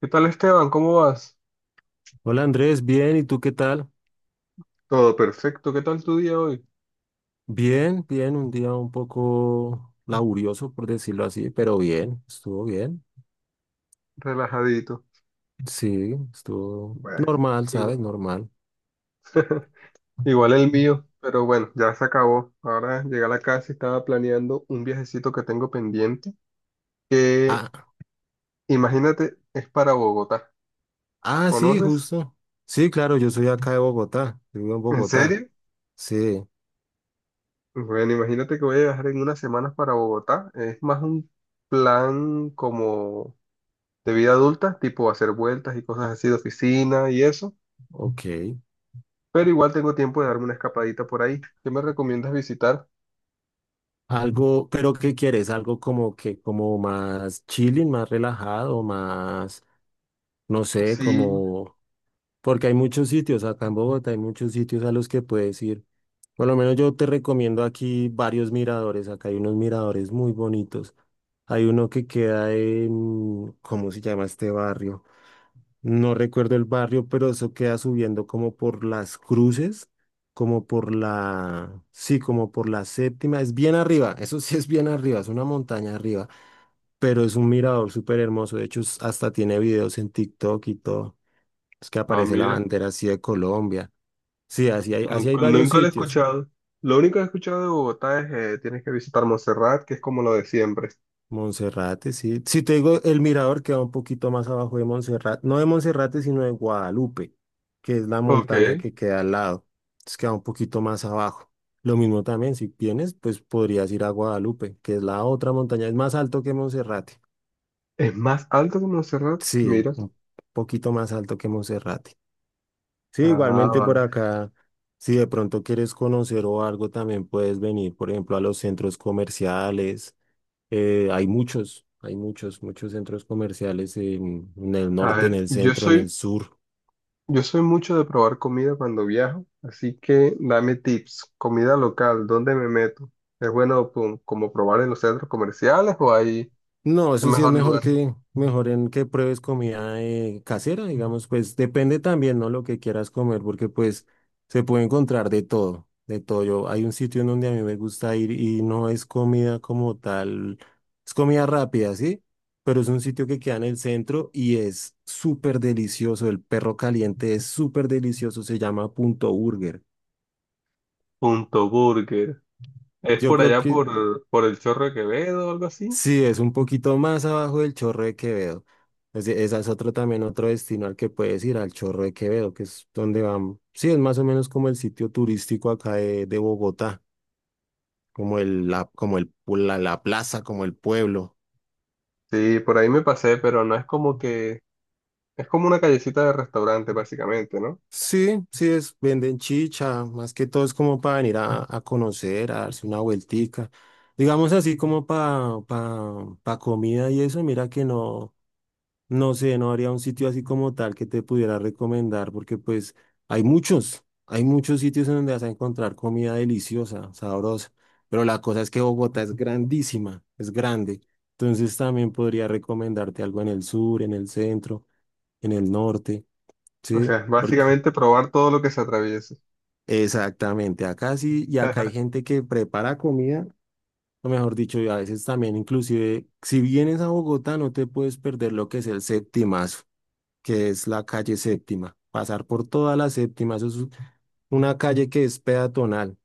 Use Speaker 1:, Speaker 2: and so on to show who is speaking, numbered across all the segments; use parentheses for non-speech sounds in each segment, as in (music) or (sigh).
Speaker 1: ¿Qué tal Esteban? ¿Cómo vas?
Speaker 2: Hola Andrés, bien, ¿y tú qué tal?
Speaker 1: Todo perfecto. ¿Qué tal tu día hoy?
Speaker 2: Bien, bien, un día un poco laborioso, por decirlo así, pero bien, estuvo bien.
Speaker 1: Relajadito.
Speaker 2: Sí, estuvo
Speaker 1: Bueno,
Speaker 2: normal,
Speaker 1: igual,
Speaker 2: ¿sabes? Normal.
Speaker 1: (laughs) igual el mío, pero bueno, ya se acabó. Ahora llegué a la casa y estaba planeando un viajecito que tengo pendiente, que
Speaker 2: Ah,
Speaker 1: imagínate, es para Bogotá.
Speaker 2: ah, sí,
Speaker 1: ¿Conoces?
Speaker 2: justo. Sí, claro, yo soy acá de Bogotá, yo vivo en
Speaker 1: ¿En
Speaker 2: Bogotá.
Speaker 1: serio?
Speaker 2: Sí,
Speaker 1: Bueno, imagínate que voy a viajar en unas semanas para Bogotá. Es más un plan como de vida adulta, tipo hacer vueltas y cosas así de oficina y eso.
Speaker 2: ok.
Speaker 1: Pero igual tengo tiempo de darme una escapadita por ahí. ¿Qué me recomiendas visitar?
Speaker 2: Algo, pero ¿qué quieres? Algo como que, como más chilling, más relajado, más, no sé,
Speaker 1: Sí.
Speaker 2: como... Porque hay muchos sitios, acá en Bogotá hay muchos sitios a los que puedes ir. Por lo menos yo te recomiendo aquí varios miradores. Acá hay unos miradores muy bonitos. Hay uno que queda en... ¿cómo se llama este barrio? No recuerdo el barrio, pero eso queda subiendo como por las cruces, como por la, sí, como por la séptima. Es bien arriba, (laughs) eso sí es bien arriba, es una montaña arriba, pero es un mirador súper hermoso. De hecho, hasta tiene videos en TikTok y todo. Es que
Speaker 1: Ah,
Speaker 2: aparece la
Speaker 1: mira,
Speaker 2: bandera así de Colombia. Sí, así hay
Speaker 1: nunca,
Speaker 2: varios
Speaker 1: nunca lo he
Speaker 2: sitios.
Speaker 1: escuchado. Lo único que he escuchado de Bogotá es tienes que visitar Montserrat, que es como lo de siempre.
Speaker 2: Monserrate, sí. Si te digo, el mirador queda un poquito más abajo de Monserrate. No de Monserrate, sino de Guadalupe, que es la montaña
Speaker 1: Ok.
Speaker 2: que queda al lado. Entonces queda un poquito más abajo. Lo mismo también, si vienes, pues podrías ir a Guadalupe, que es la otra montaña. Es más alto que Monserrate.
Speaker 1: ¿Es más alto que Montserrat?
Speaker 2: Sí,
Speaker 1: Mira.
Speaker 2: un poquito más alto que Monserrate. Sí,
Speaker 1: Ah,
Speaker 2: igualmente por
Speaker 1: vale.
Speaker 2: acá, si de pronto quieres conocer o algo, también puedes venir, por ejemplo, a los centros comerciales. Hay muchos, muchos centros comerciales en el
Speaker 1: A
Speaker 2: norte, en
Speaker 1: ver,
Speaker 2: el
Speaker 1: yo
Speaker 2: centro, en el
Speaker 1: soy,
Speaker 2: sur.
Speaker 1: yo soy mucho de probar comida cuando viajo, así que dame tips. Comida local, ¿dónde me meto? ¿Es bueno pum, como probar en los centros comerciales o ahí
Speaker 2: No,
Speaker 1: es
Speaker 2: eso sí es
Speaker 1: mejor
Speaker 2: mejor
Speaker 1: lugar?
Speaker 2: que, mejor en que pruebes comida casera, digamos, pues depende también, ¿no? Lo que quieras comer, porque pues se puede encontrar de todo, de todo. Yo, hay un sitio en donde a mí me gusta ir y no es comida como tal, es comida rápida, ¿sí? Pero es un sitio que queda en el centro y es súper delicioso. El perro caliente es súper delicioso, se llama Punto Burger.
Speaker 1: Punto Burger. Es
Speaker 2: Yo
Speaker 1: por
Speaker 2: creo
Speaker 1: allá
Speaker 2: que...
Speaker 1: por el Chorro de Quevedo o algo así.
Speaker 2: sí, es un poquito más abajo del Chorro de Quevedo. Esa es otro también otro destino al que puedes ir, al Chorro de Quevedo, que es donde van. Sí, es más o menos como el sitio turístico acá de Bogotá, como el, la, como el, la, la plaza, como el pueblo.
Speaker 1: Sí, por ahí me pasé, pero no es como que... Es como una callecita de restaurante, básicamente, ¿no?
Speaker 2: Sí, sí, es, venden chicha, más que todo es como para venir a conocer, a darse una vueltica. Digamos así como para pa, pa pa comida y eso, mira que no. No sé, no habría un sitio así como tal que te pudiera recomendar, porque pues hay muchos sitios en donde vas a encontrar comida deliciosa, sabrosa, pero la cosa es que Bogotá es grandísima, es grande, entonces también podría recomendarte algo en el sur, en el centro, en el norte,
Speaker 1: O sea,
Speaker 2: ¿sí?
Speaker 1: es
Speaker 2: Porque...
Speaker 1: básicamente probar todo lo que se atraviese.
Speaker 2: exactamente, acá sí, y acá hay
Speaker 1: (laughs)
Speaker 2: gente que prepara comida, o mejor dicho, y a veces también inclusive, si vienes a Bogotá no te puedes perder lo que es el septimazo, que es la calle Séptima. Pasar por toda la Séptima, eso es una calle que es peatonal.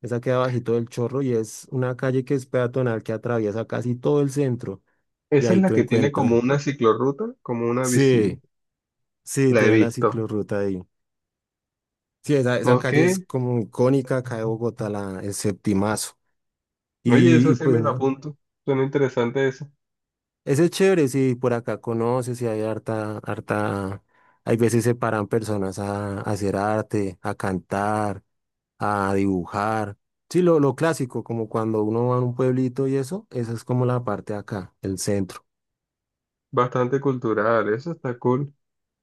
Speaker 2: Esa queda bajito del Chorro y es una calle que es peatonal que atraviesa casi todo el centro. Y
Speaker 1: Esa es
Speaker 2: ahí
Speaker 1: la
Speaker 2: tú
Speaker 1: que tiene como
Speaker 2: encuentras.
Speaker 1: una ciclorruta, como una bici.
Speaker 2: Sí, sí,
Speaker 1: La he
Speaker 2: tiene la
Speaker 1: visto.
Speaker 2: ciclorruta ahí. Sí, esa
Speaker 1: Ok.
Speaker 2: calle es como icónica acá de Bogotá, la, el Septimazo.
Speaker 1: Oye, eso
Speaker 2: Y
Speaker 1: sí
Speaker 2: pues
Speaker 1: me la
Speaker 2: no,
Speaker 1: apunto. Suena interesante eso.
Speaker 2: ese es chévere, si por acá conoces y hay harta, harta, hay veces se paran personas a hacer arte, a cantar, a dibujar. Sí, lo clásico, como cuando uno va a un pueblito y eso, esa es como la parte de acá, el centro.
Speaker 1: Bastante cultural, eso está cool.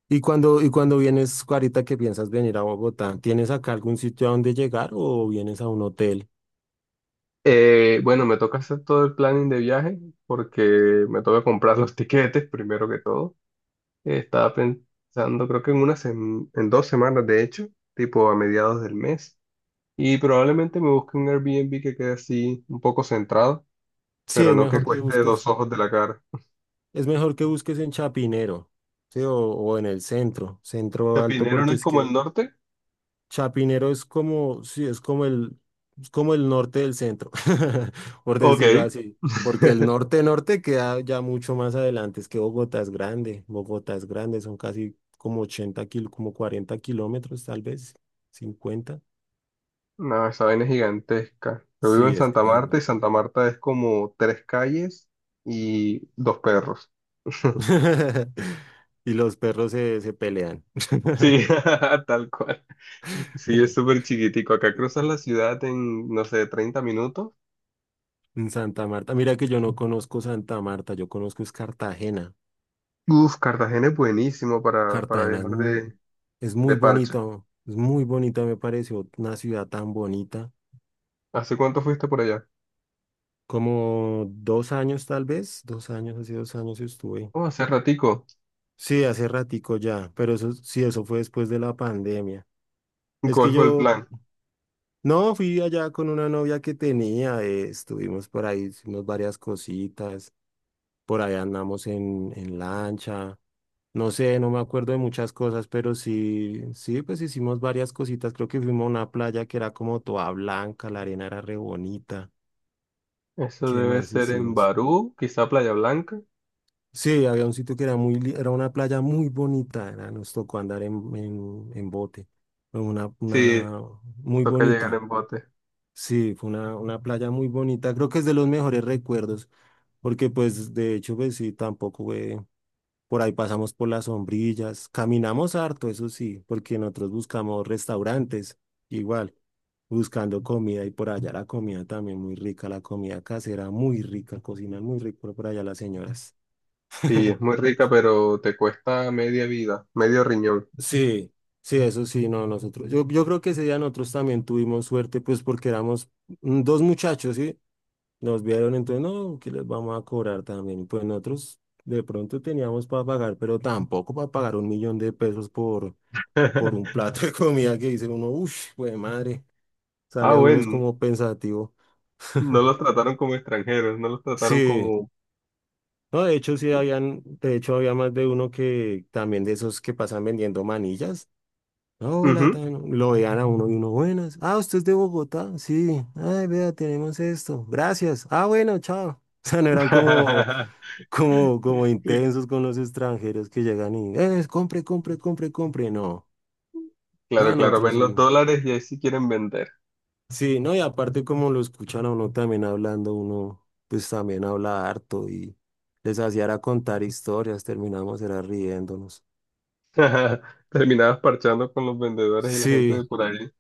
Speaker 2: Y cuando vienes, ahorita que piensas venir a Bogotá, ¿tienes acá algún sitio a donde llegar o vienes a un hotel?
Speaker 1: Bueno, me toca hacer todo el planning de viaje porque me toca comprar los (laughs) tiquetes primero que todo. Estaba pensando, creo que dos semanas, de hecho, tipo a mediados del mes. Y probablemente me busque un Airbnb que quede así un poco centrado,
Speaker 2: Sí,
Speaker 1: pero
Speaker 2: es
Speaker 1: no que
Speaker 2: mejor que
Speaker 1: cueste
Speaker 2: busques,
Speaker 1: dos ojos de la cara.
Speaker 2: es mejor que busques en Chapinero, sí, o en el centro, centro alto,
Speaker 1: ¿Chapinero no
Speaker 2: porque
Speaker 1: es
Speaker 2: es
Speaker 1: como el
Speaker 2: que
Speaker 1: norte?
Speaker 2: Chapinero es como, sí, es como el norte del centro, (laughs) por decirlo
Speaker 1: Ok.
Speaker 2: así. Porque el
Speaker 1: (laughs)
Speaker 2: norte norte queda ya mucho más adelante. Es que Bogotá es grande. Bogotá es grande, son casi como como 40 kilómetros, tal vez, 50.
Speaker 1: No, esa vaina es gigantesca. Yo vivo en
Speaker 2: Sí, es
Speaker 1: Santa Marta
Speaker 2: grande.
Speaker 1: y Santa Marta es como tres calles y dos perros. (laughs)
Speaker 2: (laughs) Y los perros se, se pelean.
Speaker 1: Sí,
Speaker 2: (laughs)
Speaker 1: (laughs) tal cual. Sí, es súper chiquitico. Acá cruzas la ciudad en, no sé, 30 minutos.
Speaker 2: En Santa Marta, mira que yo no conozco Santa Marta, yo conozco es Cartagena.
Speaker 1: Uf, Cartagena es buenísimo para
Speaker 2: Cartagena es
Speaker 1: viajar
Speaker 2: mu- es
Speaker 1: de
Speaker 2: muy,
Speaker 1: parche.
Speaker 2: bonito, es muy bonita me pareció, una ciudad tan bonita.
Speaker 1: ¿Hace cuánto fuiste por allá?
Speaker 2: Como dos años tal vez, dos años, hace dos años estuve.
Speaker 1: Oh, hace ratico.
Speaker 2: Sí, hace ratico ya, pero eso sí, eso fue después de la pandemia. Es que
Speaker 1: ¿Cuál fue el
Speaker 2: yo,
Speaker 1: plan?
Speaker 2: no, fui allá con una novia que tenía, estuvimos por ahí, hicimos varias cositas, por ahí andamos en lancha. No sé, no me acuerdo de muchas cosas, pero sí, sí, pues hicimos varias cositas. Creo que fuimos a una playa que era como toda blanca, la arena era re bonita.
Speaker 1: Eso
Speaker 2: ¿Qué
Speaker 1: debe
Speaker 2: más
Speaker 1: ser en
Speaker 2: hicimos?
Speaker 1: Barú, quizá Playa Blanca.
Speaker 2: Sí, había un sitio que era muy, era una playa muy bonita, nos tocó andar en bote. Fue Una,
Speaker 1: Sí,
Speaker 2: una muy
Speaker 1: toca llegar
Speaker 2: bonita.
Speaker 1: en bote.
Speaker 2: Sí, fue una playa muy bonita. Creo que es de los mejores recuerdos, porque pues de hecho, pues sí, tampoco fue. Por ahí pasamos por las sombrillas, caminamos harto, eso sí, porque nosotros buscamos restaurantes, igual, buscando comida y por allá la comida también muy rica, la comida casera muy rica, cocinan muy rico por allá las señoras.
Speaker 1: Sí, es muy
Speaker 2: (laughs)
Speaker 1: rica, pero te cuesta media vida, medio riñón.
Speaker 2: Sí, sí, eso sí, no, nosotros, yo creo que ese día nosotros también tuvimos suerte, pues porque éramos dos muchachos, ¿sí? Nos vieron, entonces, no, que les vamos a cobrar también, pues nosotros de pronto teníamos para pagar, pero tampoco para pagar 1.000.000 de pesos por un
Speaker 1: (laughs)
Speaker 2: plato de comida que dice uno, uff, güey, madre,
Speaker 1: Ah,
Speaker 2: sale uno es
Speaker 1: bueno,
Speaker 2: como pensativo.
Speaker 1: no los
Speaker 2: (laughs)
Speaker 1: trataron como extranjeros, no los trataron
Speaker 2: Sí,
Speaker 1: como...
Speaker 2: no, de hecho sí habían, de hecho había más de uno que también de esos que pasan vendiendo manillas. Hola,
Speaker 1: Ujú.
Speaker 2: lo veían a uno y uno, buenas. Ah, usted es de Bogotá, sí. Ay, vea, tenemos esto. Gracias. Ah, bueno, chao. (laughs) O sea, no eran como, como, como
Speaker 1: (laughs)
Speaker 2: intensos con los extranjeros que llegan y, compre, compre, compre, compre. No, no,
Speaker 1: Claro, claro,
Speaker 2: nosotros
Speaker 1: ven los
Speaker 2: sí.
Speaker 1: dólares y ahí sí quieren vender.
Speaker 2: Sí, no, y aparte como lo escuchan a uno también hablando, uno pues también habla harto y les hacía era contar historias, terminamos era riéndonos.
Speaker 1: (laughs) Terminabas parchando con los vendedores y la gente
Speaker 2: Sí,
Speaker 1: de por ahí.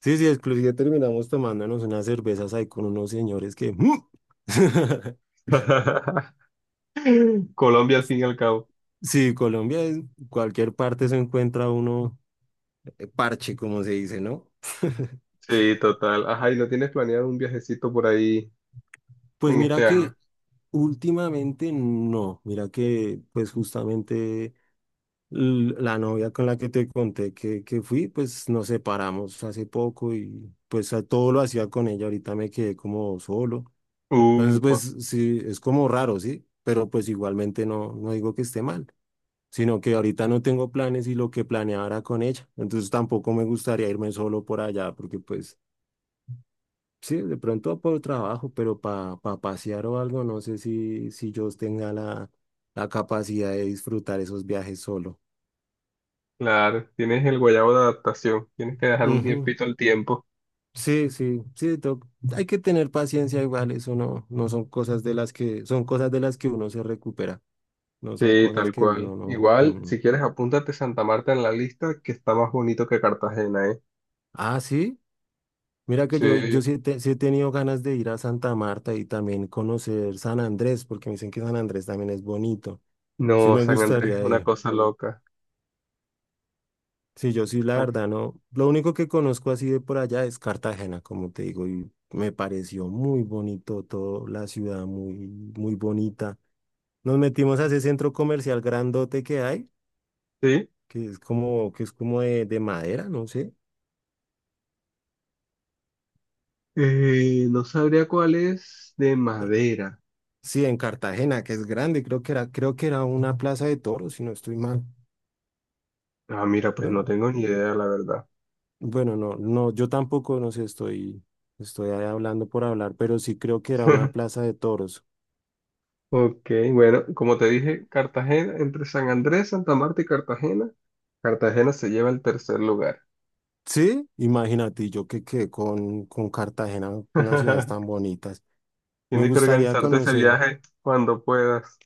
Speaker 2: sí, sí, inclusive terminamos tomándonos unas cervezas ahí con unos señores que... ¡mm! (laughs)
Speaker 1: (laughs) Colombia al fin y al cabo.
Speaker 2: Sí, Colombia, en cualquier parte se encuentra uno parche, como se dice, ¿no? (laughs)
Speaker 1: Sí, total. Ajá, ¿y no tienes planeado un viajecito por ahí
Speaker 2: Pues
Speaker 1: en
Speaker 2: mira
Speaker 1: este año?
Speaker 2: que últimamente no, mira que pues justamente... La novia con la que te conté que fui, pues nos separamos hace poco y pues todo lo hacía con ella, ahorita me quedé como solo. Entonces, pues
Speaker 1: Upa,
Speaker 2: sí, es como raro, ¿sí? Pero pues igualmente no, no digo que esté mal, sino que ahorita no tengo planes y lo que planeaba era con ella. Entonces tampoco me gustaría irme solo por allá, porque pues sí, de pronto por trabajo, pero para pasear o algo, no sé si, si yo tenga la, la capacidad de disfrutar esos viajes solo.
Speaker 1: claro. Tienes el guayabo de adaptación. Tienes que dejar un tiempito al tiempo.
Speaker 2: Sí, sí, sí, hay que tener paciencia igual, eso no, no son cosas de las que, son cosas de las que uno se recupera, no son
Speaker 1: Sí,
Speaker 2: cosas
Speaker 1: tal
Speaker 2: que
Speaker 1: cual.
Speaker 2: uno no.
Speaker 1: Igual,
Speaker 2: Mm.
Speaker 1: si quieres, apúntate Santa Marta en la lista, que está más bonito que Cartagena, ¿eh?
Speaker 2: Ah, sí, mira que yo,
Speaker 1: Sí.
Speaker 2: yo sí, sí he tenido ganas de ir a Santa Marta y también conocer San Andrés, porque me dicen que San Andrés también es bonito. Sí
Speaker 1: No,
Speaker 2: me
Speaker 1: San Andrés es
Speaker 2: gustaría
Speaker 1: una
Speaker 2: ir.
Speaker 1: cosa loca.
Speaker 2: Sí, yo sí, la
Speaker 1: San-
Speaker 2: verdad, no. Lo único que conozco así de por allá es Cartagena, como te digo, y me pareció muy bonito todo, la ciudad muy, muy bonita. Nos metimos a ese centro comercial grandote que hay,
Speaker 1: Sí.
Speaker 2: que es como de madera, no sé.
Speaker 1: No sabría cuál es de
Speaker 2: Eh,
Speaker 1: madera.
Speaker 2: Sí, en Cartagena, que es grande, creo que era una plaza de toros, si no estoy mal.
Speaker 1: Ah, mira, pues
Speaker 2: No,
Speaker 1: no
Speaker 2: no.
Speaker 1: tengo ni idea, la verdad.
Speaker 2: Bueno, no, no, yo tampoco, no sé, estoy, estoy ahí hablando por hablar, pero sí creo que era una
Speaker 1: (laughs)
Speaker 2: plaza de toros.
Speaker 1: Ok, bueno, como te dije, Cartagena, entre San Andrés, Santa Marta y Cartagena, Cartagena se lleva el tercer lugar.
Speaker 2: Sí, imagínate, y yo que quedé con Cartagena, unas ciudades tan
Speaker 1: (laughs)
Speaker 2: bonitas. Me
Speaker 1: Tienes que
Speaker 2: gustaría
Speaker 1: organizarte ese
Speaker 2: conocer,
Speaker 1: viaje cuando puedas.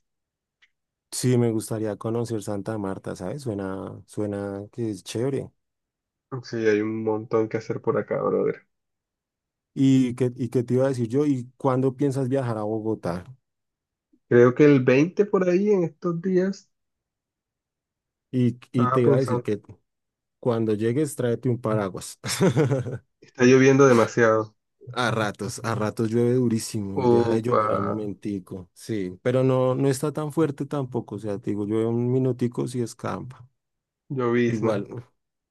Speaker 2: sí, me gustaría conocer Santa Marta, ¿sabes? Suena, suena que es chévere.
Speaker 1: Sí, hay un montón que hacer por acá, brother.
Speaker 2: Y qué te iba a decir yo? ¿Y cuándo piensas viajar a Bogotá?
Speaker 1: Creo que el 20 por ahí en estos días,
Speaker 2: Y
Speaker 1: estaba
Speaker 2: te iba a decir
Speaker 1: pensando,
Speaker 2: que cuando llegues tráete un paraguas. (laughs)
Speaker 1: está lloviendo demasiado.
Speaker 2: A ratos llueve durísimo y deja de
Speaker 1: Upa,
Speaker 2: llover al momentico. Sí, pero no, no está tan fuerte tampoco. O sea, te digo, llueve un minutico si escampa.
Speaker 1: llovizna.
Speaker 2: Igual,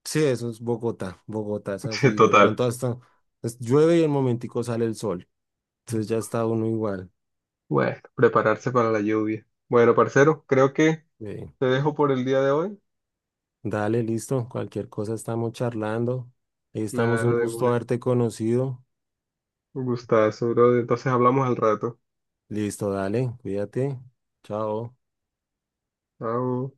Speaker 2: sí, eso es Bogotá. Bogotá es
Speaker 1: (laughs) Sí,
Speaker 2: así. De
Speaker 1: total.
Speaker 2: pronto hasta llueve y al momentico sale el sol. Entonces ya está uno igual.
Speaker 1: Bueno, prepararse para la lluvia. Bueno, parcero, creo que
Speaker 2: Sí.
Speaker 1: te dejo por el día de hoy.
Speaker 2: Dale, listo. Cualquier cosa estamos charlando. Ahí estamos, un
Speaker 1: Claro, de
Speaker 2: gusto
Speaker 1: una.
Speaker 2: haberte conocido.
Speaker 1: Un gustazo, brother. Entonces hablamos al rato.
Speaker 2: Listo, dale, cuídate. Chao.
Speaker 1: Chao.